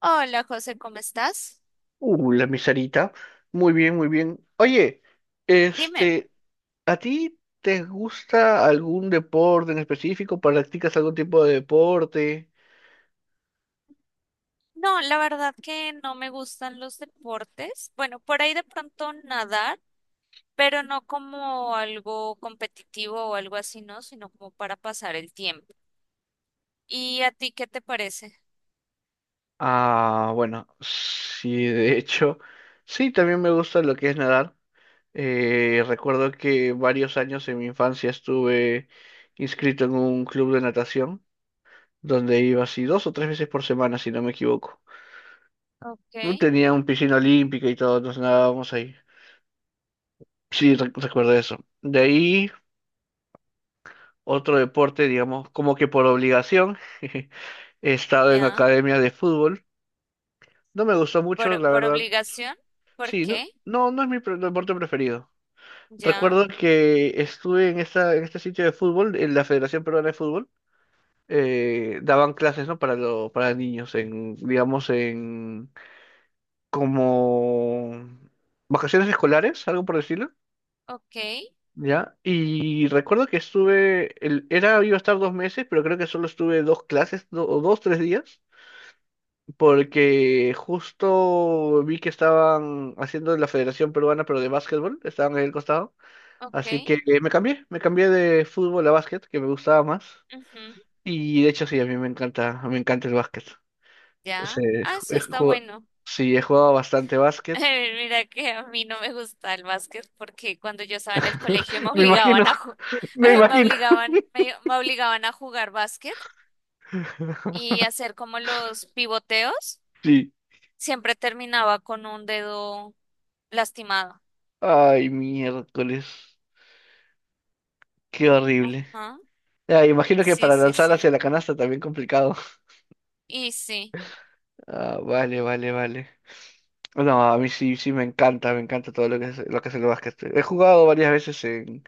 Hola José, ¿cómo estás? La miserita. Muy bien, muy bien. Oye, Dime, este, ¿a ti te gusta algún deporte en específico? ¿Practicas algún tipo de deporte? no, la verdad que no me gustan los deportes. Bueno, por ahí de pronto nadar, pero no como algo competitivo o algo así, ¿no? Sino como para pasar el tiempo. ¿Y a ti qué te parece? Ah, bueno, sí, de hecho, sí, también me gusta lo que es nadar. Recuerdo que varios años en mi infancia estuve inscrito en un club de natación, donde iba así dos o tres veces por semana, si no me equivoco. Ok, No tenía un piscina olímpica y todos nos nadábamos ahí. Sí, recuerdo eso. De ahí, otro deporte, digamos, como que por obligación. He estado en ya. academia de fútbol. No me gustó mucho, ¿Por, la por verdad. obligación? ¿Por Sí, no, qué? no, no es mi deporte preferido. Ya. Recuerdo que estuve en este sitio de fútbol, en la Federación Peruana de Fútbol. Daban clases, ¿no? Para para niños, en, digamos, en como vacaciones escolares, algo por decirlo. Ok, ¿Ya? Y recuerdo que estuve, iba a estar dos meses, pero creo que solo estuve dos clases, do- o dos, tres días, porque justo vi que estaban haciendo la Federación Peruana, pero de básquetbol, estaban ahí al costado, ok. así que me cambié de fútbol a básquet, que me gustaba más, Ujú, y de hecho sí, a mí me encanta el básquet. Sí, ya. Ah, eso he está jugado, bueno. sí, he jugado bastante básquet, Mira que a mí no me gusta el básquet porque cuando yo estaba en el colegio me me imagino, obligaban a ju- me me imagino. obligaban me obligaban a jugar básquet y hacer como los pivoteos, Sí. siempre terminaba con un dedo lastimado. Ay, miércoles. Qué horrible. Ajá. Ya, imagino que Sí, para sí, lanzar hacia sí. la canasta también complicado. Y sí. Ah, vale, vale, vale. No, a mí sí, sí me encanta todo lo que es el básquet. He jugado varias veces en,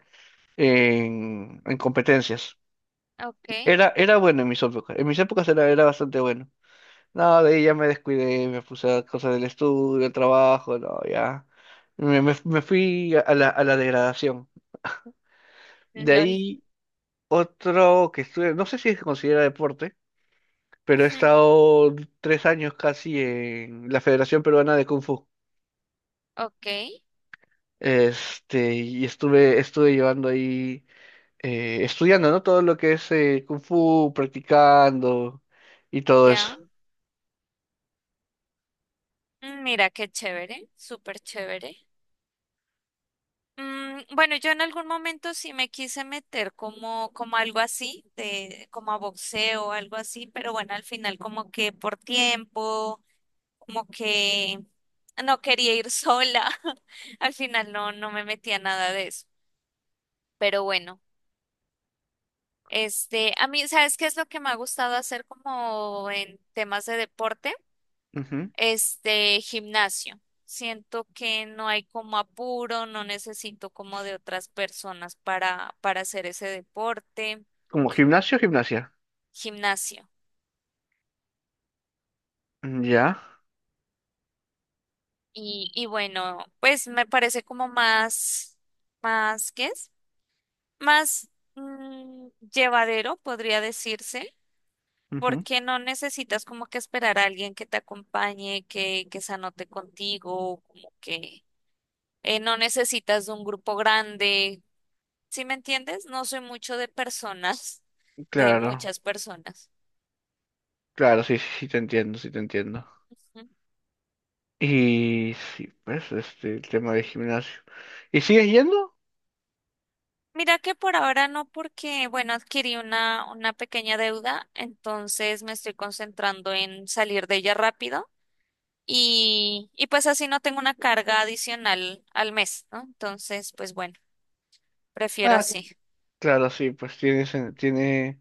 en, en competencias. Okay. Era, era bueno en mis épocas. En mis épocas era, era bastante bueno. No, de ahí ya me descuidé, me puse a cosas del estudio, el trabajo, no, ya. Me fui a la degradación. De LOL. ahí otro que estuve, no sé si se considera deporte, pero he Ujú. estado tres años casi en la Federación Peruana de Kung Fu. Ok, Este, y estuve, estuve llevando ahí, estudiando, ¿no? Todo lo que es Kung Fu, practicando y todo eso. ya. Mm, mira qué chévere, súper chévere. Bueno, yo en algún momento sí me quise meter como, como algo así, de, como a boxeo, algo así, pero bueno, al final como que por tiempo, como que no quería ir sola, al final no, no me metía nada de eso. Pero bueno, a mí, ¿sabes qué es lo que me ha gustado hacer como en temas de deporte? Ujú. Este gimnasio. Siento que no hay como apuro, no necesito como de otras personas para hacer ese deporte, Como gimnasio, gimnasia. gimnasio. Mm, ya. Y bueno, pues me parece como más, más, ¿qué es? Más mm, llevadero, podría decirse, Ujú. porque no necesitas como que esperar a alguien que te acompañe, que se anote contigo, como que no necesitas de un grupo grande. ¿Sí me entiendes? No soy mucho de personas, de Claro, muchas personas. claro, sí, sí, sí, te entiendo, sí, te entiendo. ¿Mm? Y sí, pues, este, el tema de gimnasio. ¿Y sigues yendo? Mira que por ahora no, porque, bueno, adquirí una pequeña deuda, entonces me estoy concentrando en salir de ella rápido y pues así no tengo una carga adicional al mes, ¿no? Entonces, pues bueno, prefiero Ah, así. claro, sí, pues tiene, tiene,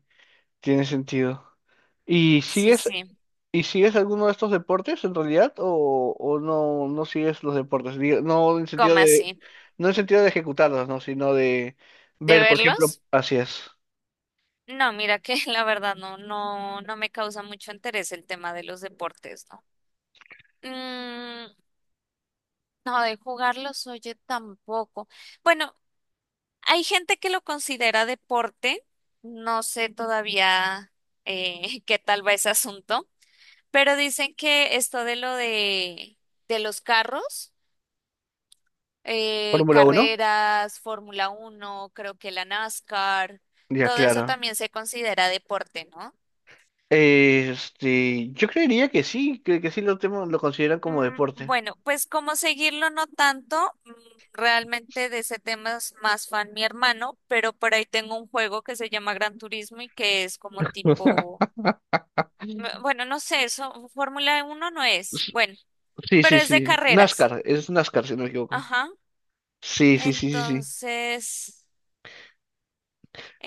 tiene sentido. ¿Y Sí, sigues sí, ¿Y sigues alguno de estos deportes en realidad o no, no sigues los deportes? Digo, no en sentido como así. no en sentido de ejecutarlos, ¿no? Sino de ¿De ver, por ejemplo, verlos? así es. No, mira que la verdad no, no, no me causa mucho interés el tema de los deportes, ¿no? Mm, no, de jugarlos, oye, tampoco. Bueno, hay gente que lo considera deporte, no sé todavía qué tal va ese asunto, pero dicen que esto de los carros, Fórmula Uno, carreras, Fórmula Uno, creo que la NASCAR, ya, todo eso claro. también se considera deporte, ¿no? Este, yo creería que sí lo consideran como Mm, deporte. bueno, pues como seguirlo no tanto, mm, realmente de ese tema es más fan mi hermano, pero por ahí tengo un juego que se llama Gran Turismo y que es como tipo, mm, bueno, no sé, eso, Fórmula uno no es, bueno, Sí, pero sí, es de sí. carreras. NASCAR, es NASCAR si no me equivoco. Ajá. Sí, sí, sí, sí, sí. Entonces,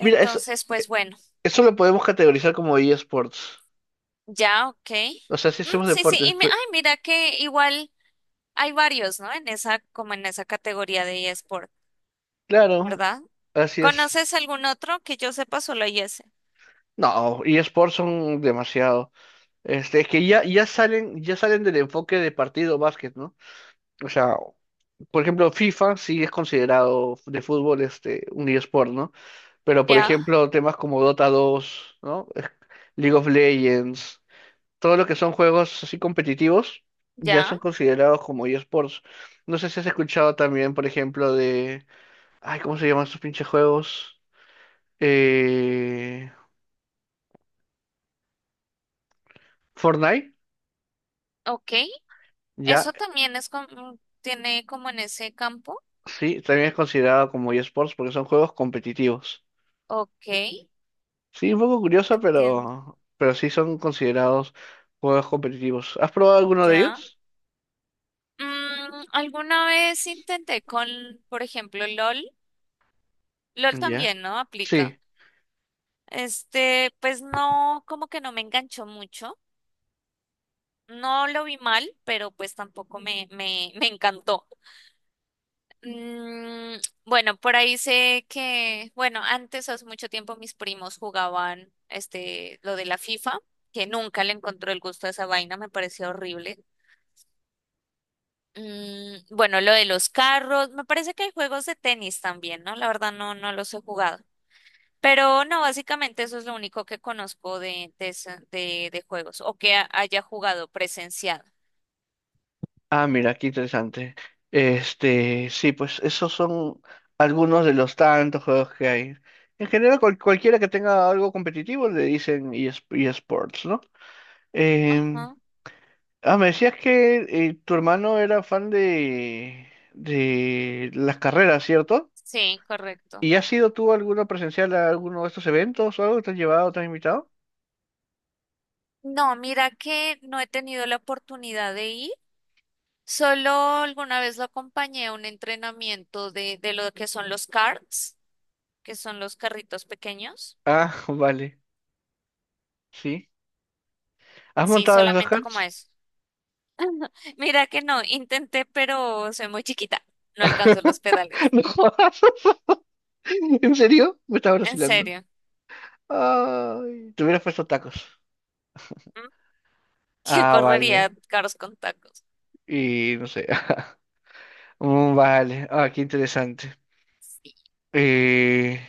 Mira, eso, pues bueno, eso lo podemos categorizar como eSports. ya, ok. O sea, si Mm, hacemos sí, sí, deportes, pero- ay, mira que igual hay varios, ¿no? En esa, como en esa categoría de eSport, claro, ¿verdad? así es. ¿Conoces algún otro que yo sepa solo hay ese? No, eSports son demasiado. Este, es que ya, ya salen del enfoque de partido básquet, ¿no? O sea, por ejemplo, FIFA sí es considerado de fútbol este, un eSport, ¿no? Pero por Ya, ejemplo, temas como Dota 2, ¿no? League of Legends, todo lo que son juegos así competitivos, ya ya, son considerados como eSports. No sé si has escuchado también, por ejemplo, de. Ay, ¿cómo se llaman esos pinches juegos? Eh, Fortnite. ok. Ya, Eso también es como, tiene como en ese campo. sí, también es considerado como eSports porque son juegos competitivos. Ok, Sí, un poco curioso, entiendo. Pero sí son considerados juegos competitivos. ¿Has probado alguno de Ya. ellos? Mm, alguna vez intenté con, por ejemplo, LOL. LOL Ya. también, ¿no? Aplica. Sí. Este, pues no, como que no me enganchó mucho. No lo vi mal, pero pues tampoco me encantó. Mm, bueno, por ahí sé que, bueno, antes hace mucho tiempo mis primos jugaban este lo de la FIFA, que nunca le encontró el gusto a esa vaina, me pareció horrible. Mm, bueno, lo de los carros, me parece que hay juegos de tenis también, ¿no? La verdad no, no los he jugado. Pero no, básicamente eso es lo único que conozco de, de juegos o que haya jugado presenciado. Ah, mira, qué interesante. Este, sí, pues esos son algunos de los tantos juegos que hay. En general, cualquiera que tenga algo competitivo le dicen ES eSports, ¿no? Em, Ajá, ah, me decías que tu hermano era fan de las carreras, ¿cierto? sí, correcto. ¿Y has ido tú alguno presencial a alguno de estos eventos o algo? ¿Te has llevado, te has invitado? No, mira que no he tenido la oportunidad de ir. Solo alguna vez lo acompañé a un entrenamiento de lo que son los karts, que son los carritos pequeños. Ah, vale, sí. ¿Has Sí, montado en los solamente como carts? eso. Mira que no, intenté, pero soy muy chiquita. No alcanzo los pedales. No jodas. ¿En serio? Me estaba En vacilando. serio. Ay, te hubieras puesto tacos. ¿Mm? ¿Quién Ah, vale. correría carros con tacos? Y no sé. Mm, vale. Ah, qué interesante. Sí. Eh,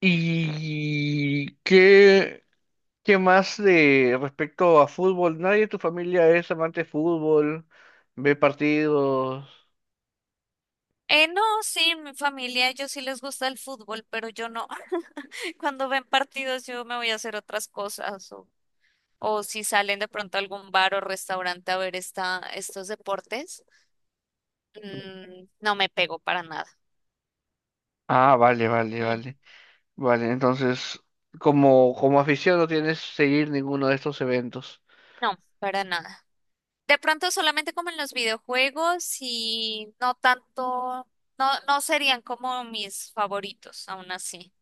¿Y qué, qué más de respecto a fútbol? ¿Nadie de tu familia es amante de fútbol? ¿Ve partidos? No, sí, en mi familia, ellos sí les gusta el fútbol, pero yo no. Cuando ven partidos, yo me voy a hacer otras cosas. O si salen de pronto a algún bar o restaurante a ver esta, estos deportes. Mm, no me pego para nada. Ah, vale, vale, Mm, vale. Vale, entonces, como, como afición no tienes que seguir ninguno de estos eventos. no, para nada. De pronto solamente como en los videojuegos y no tanto, no, no serían como mis favoritos, aún así.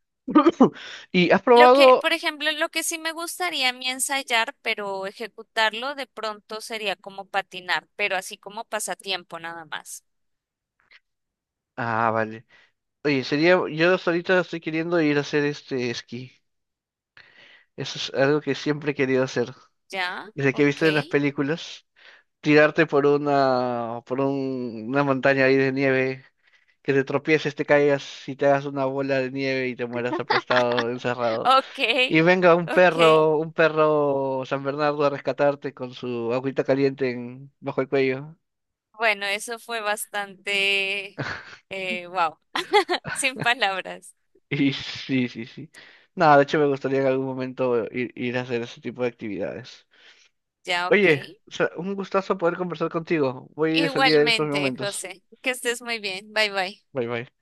¿Y has Lo que, probado? por ejemplo, lo que sí me gustaría a mí ensayar, pero ejecutarlo de pronto sería como patinar, pero así como pasatiempo nada más. Ah, vale. Oye, sería, yo hasta ahorita estoy queriendo ir a hacer este esquí. Eso es algo que siempre he querido hacer. ¿Ya? Desde que he Ok, visto en las películas, tirarte por una, por una montaña ahí de nieve, que te tropieces, te caigas y te hagas una bola de nieve y te mueras aplastado, encerrado. ok, Y venga ok. Un perro San Bernardo a rescatarte con su agüita caliente bajo el cuello. Bueno, eso fue bastante, wow, sin palabras. Y sí, sí, sí. Nada, de hecho me gustaría en algún momento ir, ir a hacer ese tipo de actividades. Ya, ok. Oye, o sea, un gustazo poder conversar contigo. Voy de salida en estos Igualmente, momentos. José. Que estés muy bien. Bye bye. Bye bye.